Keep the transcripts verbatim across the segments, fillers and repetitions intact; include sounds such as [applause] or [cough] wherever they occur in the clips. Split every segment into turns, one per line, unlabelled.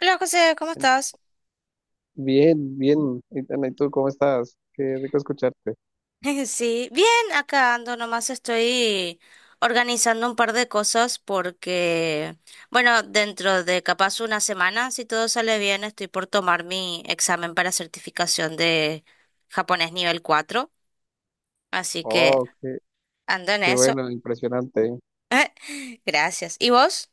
Hola José, ¿cómo estás?
Bien, bien. Itana, ¿y tú cómo estás? Qué rico escucharte.
[laughs] Sí, bien, acá ando, nomás estoy organizando un par de cosas porque, bueno, dentro de capaz una semana, si todo sale bien, estoy por tomar mi examen para certificación de japonés nivel cuatro. así que
Oh, qué,
ando en
qué
eso.
bueno, impresionante.
[laughs] Gracias. ¿Y vos?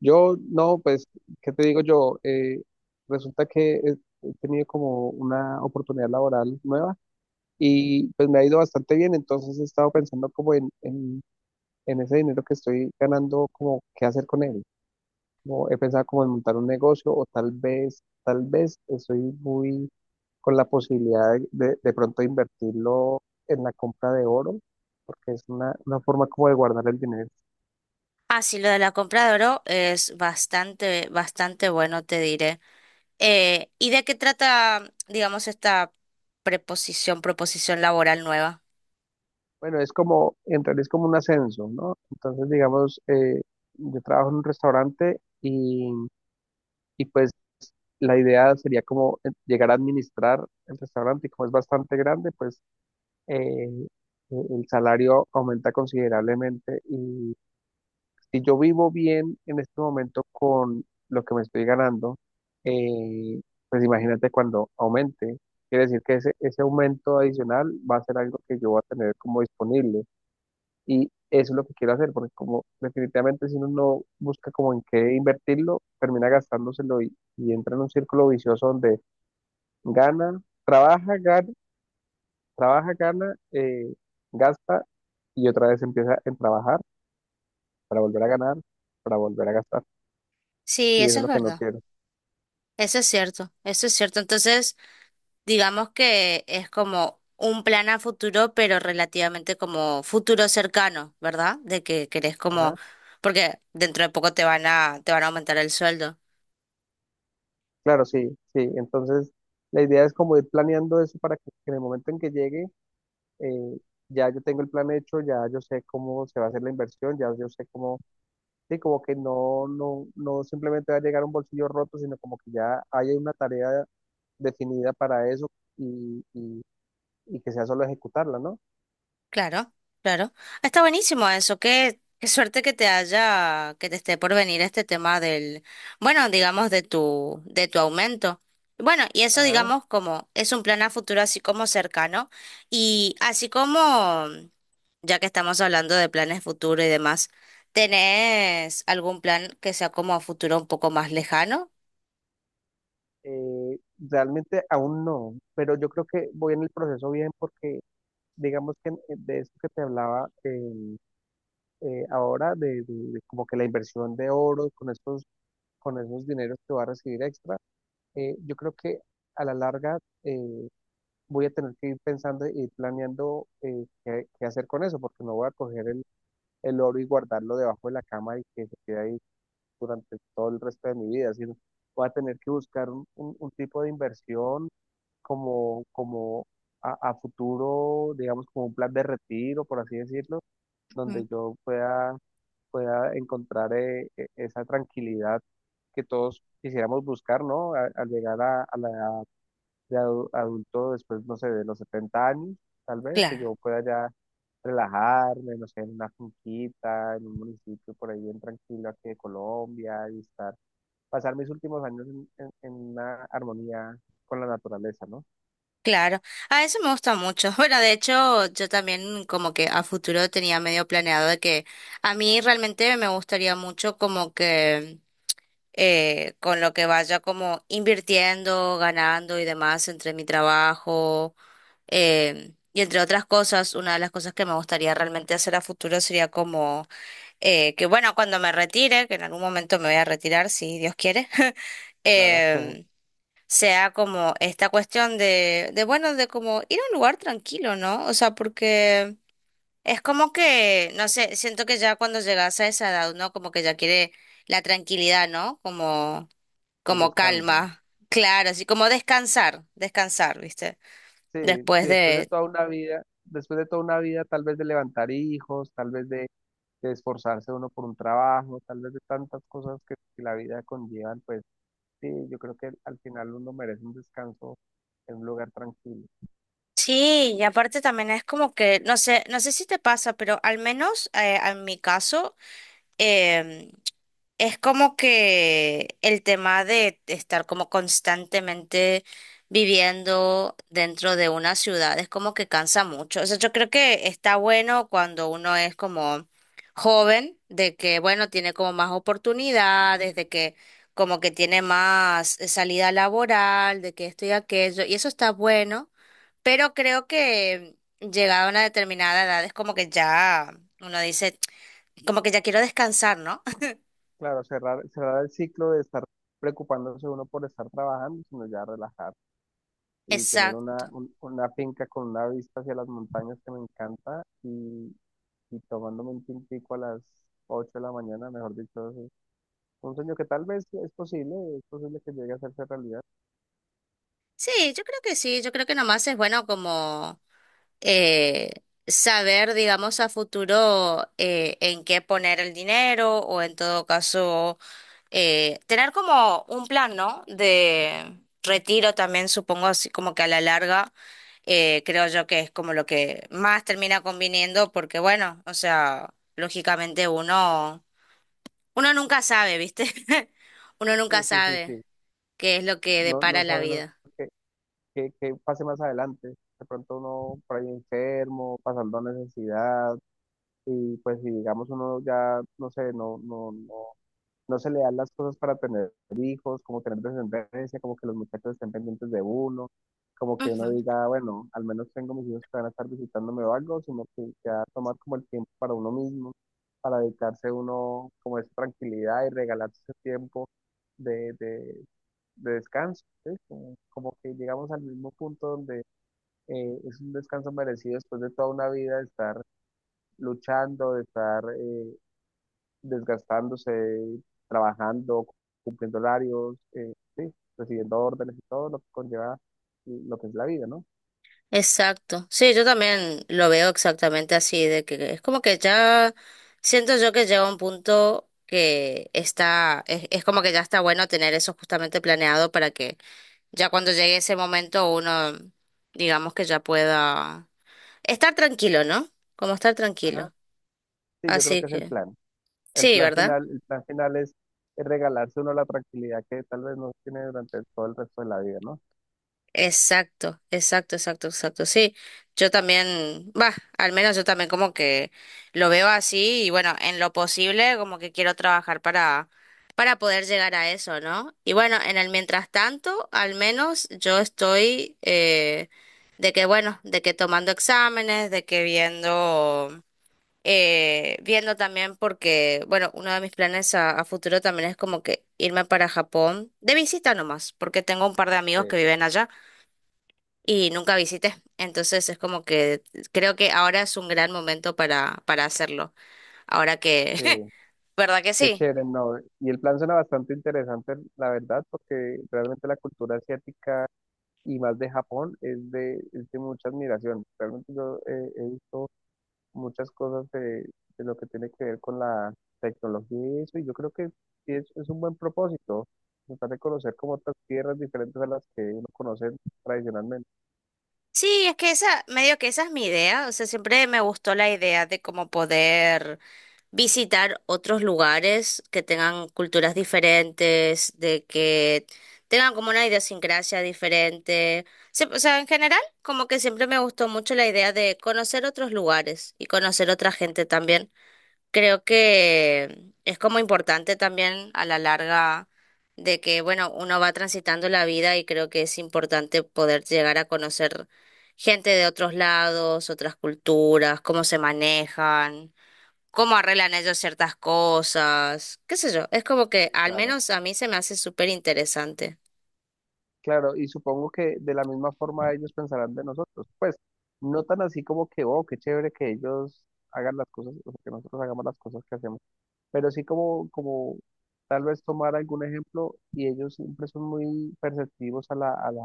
Yo, no, pues, ¿qué te digo yo? Eh, resulta que he, he tenido como una oportunidad laboral nueva y pues me ha ido bastante bien, entonces he estado pensando como en, en, en ese dinero que estoy ganando, como qué hacer con él. Como he pensado como en montar un negocio o tal vez, tal vez estoy muy con la posibilidad de, de, de pronto invertirlo en la compra de oro, porque es una, una forma como de guardar el dinero.
Ah, sí, lo de la compra de oro es bastante, bastante bueno, te diré. Eh, ¿y de qué trata, digamos, esta preposición, proposición laboral nueva?
Bueno, es como, en realidad es como un ascenso, ¿no? Entonces, digamos, eh, yo trabajo en un restaurante y, y pues la idea sería como eh, llegar a administrar el restaurante y como es bastante grande, pues eh, eh, el salario aumenta considerablemente y si yo vivo bien en este momento con lo que me estoy ganando, eh, pues imagínate cuando aumente. Quiere decir que ese, ese aumento adicional va a ser algo que yo voy a tener como disponible. Y eso es lo que quiero hacer, porque como definitivamente si uno no busca como en qué invertirlo, termina gastándoselo y, y entra en un círculo vicioso donde gana, trabaja, gana, trabaja, gana, eh, gasta y otra vez empieza en trabajar para volver a ganar, para volver a gastar.
Sí,
Y eso
eso
es
es
lo que no
verdad.
quiero.
Eso es cierto, eso es cierto. Entonces, digamos que es como un plan a futuro, pero relativamente como futuro cercano, ¿verdad? De que querés como,
Ajá,
porque dentro de poco te van a, te van a aumentar el sueldo.
claro, sí, sí. Entonces, la idea es como ir planeando eso para que en el momento en que llegue, eh, ya yo tengo el plan hecho, ya yo sé cómo se va a hacer la inversión, ya yo sé cómo, sí, como que no, no, no simplemente va a llegar un bolsillo roto, sino como que ya hay una tarea definida para eso y, y, y que sea solo ejecutarla, ¿no?
Claro, claro. Está buenísimo eso. Qué, qué suerte que te haya, que te esté por venir este tema del, bueno, digamos, de tu, de tu aumento. Bueno, y eso,
Ajá.
digamos, como es un plan a futuro así como cercano. Y así como, ya que estamos hablando de planes futuro y demás, ¿tenés algún plan que sea como a futuro un poco más lejano?
Eh, realmente aún no, pero yo creo que voy en el proceso bien porque, digamos que en- de esto que te hablaba, eh, eh, ahora de, de- de como que la inversión de oro con estos, con esos dineros que va a recibir extra, eh, yo creo que a la larga eh, voy a tener que ir pensando y ir planeando eh, qué, qué hacer con eso, porque no voy a coger el, el oro y guardarlo debajo de la cama y que se quede ahí durante todo el resto de mi vida, sino voy a tener que buscar un, un- un tipo de inversión como, como a a futuro, digamos, como un plan de retiro, por así decirlo donde
Ujú.
yo pueda pueda encontrar eh, e- esa tranquilidad que todos quisiéramos buscar, ¿no? A- Al llegar a, a la edad de adu- adulto, después, no sé, de los setenta años, tal vez, que
Claro.
yo pueda ya relajarme, no sé, en una finquita, en un municipio por ahí bien tranquilo aquí de Colombia y estar, pasar mis últimos años en, en- en una armonía con la naturaleza, ¿no?
Claro, a eso me gusta mucho. [laughs] Bueno, de hecho, yo también como que a futuro tenía medio planeado de que a mí realmente me gustaría mucho como que eh, con lo que vaya como invirtiendo, ganando y demás entre mi trabajo eh, y entre otras cosas, una de las cosas que me gustaría realmente hacer a futuro sería como eh, que bueno, cuando me retire, que en algún momento me voy a retirar si Dios quiere. [laughs]
Claro, [laughs]
em, sea como esta cuestión de, de, bueno, de como ir a un lugar tranquilo, ¿no? O sea, porque es como que, no sé, siento que ya cuando llegas a esa edad, ¿no? Como que ya quiere la tranquilidad, ¿no? Como,
el
como
descanso.
calma, claro, así como descansar, descansar, ¿viste?
Sí, sí,
Después
después de
de.
toda una vida, después de toda una vida, tal vez de levantar hijos, tal vez de de esforzarse uno por un trabajo, tal vez de tantas cosas que, que la vida conllevan, pues sí, yo creo que al final uno merece un descanso en un lugar tranquilo.
Sí, y aparte también es como que, no sé, no sé si te pasa, pero al menos eh, en mi caso, em, Es como que el tema de estar como constantemente viviendo dentro de una ciudad es como que cansa mucho. O sea, yo creo que está bueno cuando uno es como joven, de que, bueno, tiene como más oportunidades, de que como que tiene más eh, salida laboral, de que esto y aquello, y eso está bueno, pero creo que llegada a una determinada edad es como que ya uno dice, como que ya quiero descansar, ¿no?
Claro, cerrar, cerrar el ciclo de estar preocupándose uno por estar trabajando, sino ya relajar
[laughs]
y tener una,
Exacto.
un- una finca con una vista hacia las montañas que me encanta y, y tomándome un tintico a las ocho de la mañana, mejor dicho, es un sueño que tal vez es posible, es posible que llegue a hacerse realidad.
Sí, yo creo que sí, yo creo que nomás es bueno como eh, saber, digamos, a futuro eh, en qué poner el dinero o en todo caso eh, tener como un plan, ¿no? De retiro también, supongo, así como que a la larga eh, creo yo que es como lo que más termina conviniendo porque bueno, o sea, lógicamente uno, uno nunca sabe, ¿viste? [laughs] Uno
Sí,
nunca
sí, sí,
sabe
sí.
qué es lo que
No, no
depara la
saben
vida.
que, que pase más adelante. De pronto uno por ahí enfermo, pasando necesidad, y pues si digamos uno ya, no sé, no, no, no, no se le dan las cosas para tener hijos, como tener descendencia, como que los muchachos estén pendientes de uno, como que uno diga, bueno, al menos tengo mis hijos que van a estar visitándome o algo, sino que ya tomar como el tiempo para uno mismo, para dedicarse uno como a esa tranquilidad y regalarse ese tiempo de, de, de descanso, ¿sí? Como, como que llegamos al mismo punto donde eh, es un descanso merecido después de toda una vida de estar luchando, de estar eh, desgastándose, trabajando, cumpliendo horarios, eh, sí, recibiendo órdenes y todo lo que conlleva lo que es la vida, ¿no?
Exacto. Sí, yo también lo veo exactamente así, de que es como que ya siento yo que llega un punto que está, es, es como que ya está bueno tener eso justamente planeado para que ya cuando llegue ese momento uno, digamos que ya pueda estar tranquilo, ¿no? Como estar
Ajá.
tranquilo.
Sí, yo creo
Así
que es el
que,
plan. El
sí,
plan
¿verdad?
final, el plan final es es regalarse uno la tranquilidad que tal vez no tiene durante todo el resto de la vida, ¿no?
Exacto, exacto, exacto, exacto. Sí, yo también, va, al menos yo también como que lo veo así y bueno, en lo posible como que quiero trabajar para para poder llegar a eso, ¿no? Y bueno, en el mientras tanto, al menos yo estoy eh, de que bueno, de que tomando exámenes, de que viendo eh, viendo también porque bueno, uno de mis planes a, a futuro también es como que irme para Japón de visita nomás, porque tengo un par de amigos
Sí,
que viven allá y nunca visité. Entonces es como que creo que ahora es un gran momento para, para hacerlo. Ahora que, [laughs]
sí,
¿verdad que
qué
sí?
chévere, ¿no? Y el plan suena bastante interesante, la verdad, porque realmente la cultura asiática y más de Japón es de, es de mucha admiración. Realmente yo eh, he visto muchas cosas de, de lo que tiene que ver con la tecnología y eso, y yo creo que sí es, es un buen propósito, tratar de conocer como otras tierras diferentes a las que uno conoce tradicionalmente.
Sí, es que esa, medio que esa es mi idea. O sea, siempre me gustó la idea de cómo poder visitar otros lugares que tengan culturas diferentes, de que tengan como una idiosincrasia diferente. Sí, o sea, en general, como que siempre me gustó mucho la idea de conocer otros lugares y conocer otra gente también. Creo que es como importante también a la larga de que, bueno, uno va transitando la vida y creo que es importante poder llegar a conocer gente de otros lados, otras culturas, cómo se manejan, cómo arreglan ellos ciertas cosas, qué sé yo. Es como que
Sí,
al
claro,
menos a mí se me hace súper interesante.
claro, y supongo que de la misma forma ellos pensarán de nosotros, pues no tan así como que, oh, qué chévere que ellos hagan las cosas, o sea, que nosotros hagamos las cosas que hacemos pero sí como, como tal vez tomar algún ejemplo y ellos siempre son muy perceptivos a la, a la,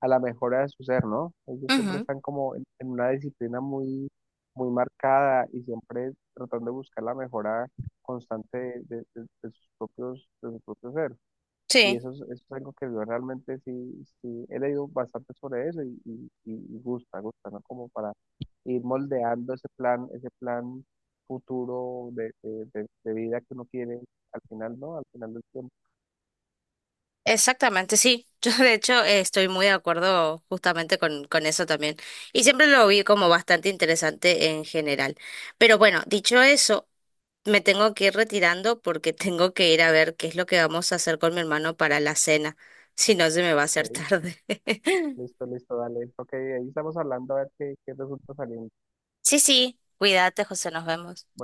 a la mejora de su ser, ¿no? Ellos siempre
Ujú,
están como en, en una disciplina muy, muy marcada y siempre tratando de buscar la mejora constante de, de- de sus propios, de su propio ser. Y
sí.
eso es, eso es algo que yo realmente sí, sí he leído bastante sobre eso y, y- y- y gusta, gusta, ¿no? Como para ir moldeando ese plan, ese plan futuro de, de- de- de vida que uno quiere al final, ¿no? Al final del tiempo.
Exactamente, sí. [laughs] Yo de hecho eh, estoy muy de acuerdo justamente con, con eso también. Y siempre lo vi como bastante interesante en general. Pero bueno, dicho eso, me tengo que ir retirando porque [laughs] tengo que ir a ver qué es lo que vamos a hacer con mi hermano para la cena. [laughs] Si no, se me va a
Ok,
hacer tarde. [laughs]
listo, listo, dale. Ok, ahí estamos hablando a ver qué, qué resulta saliendo.
Sí, sí, cuídate, José, nos vemos.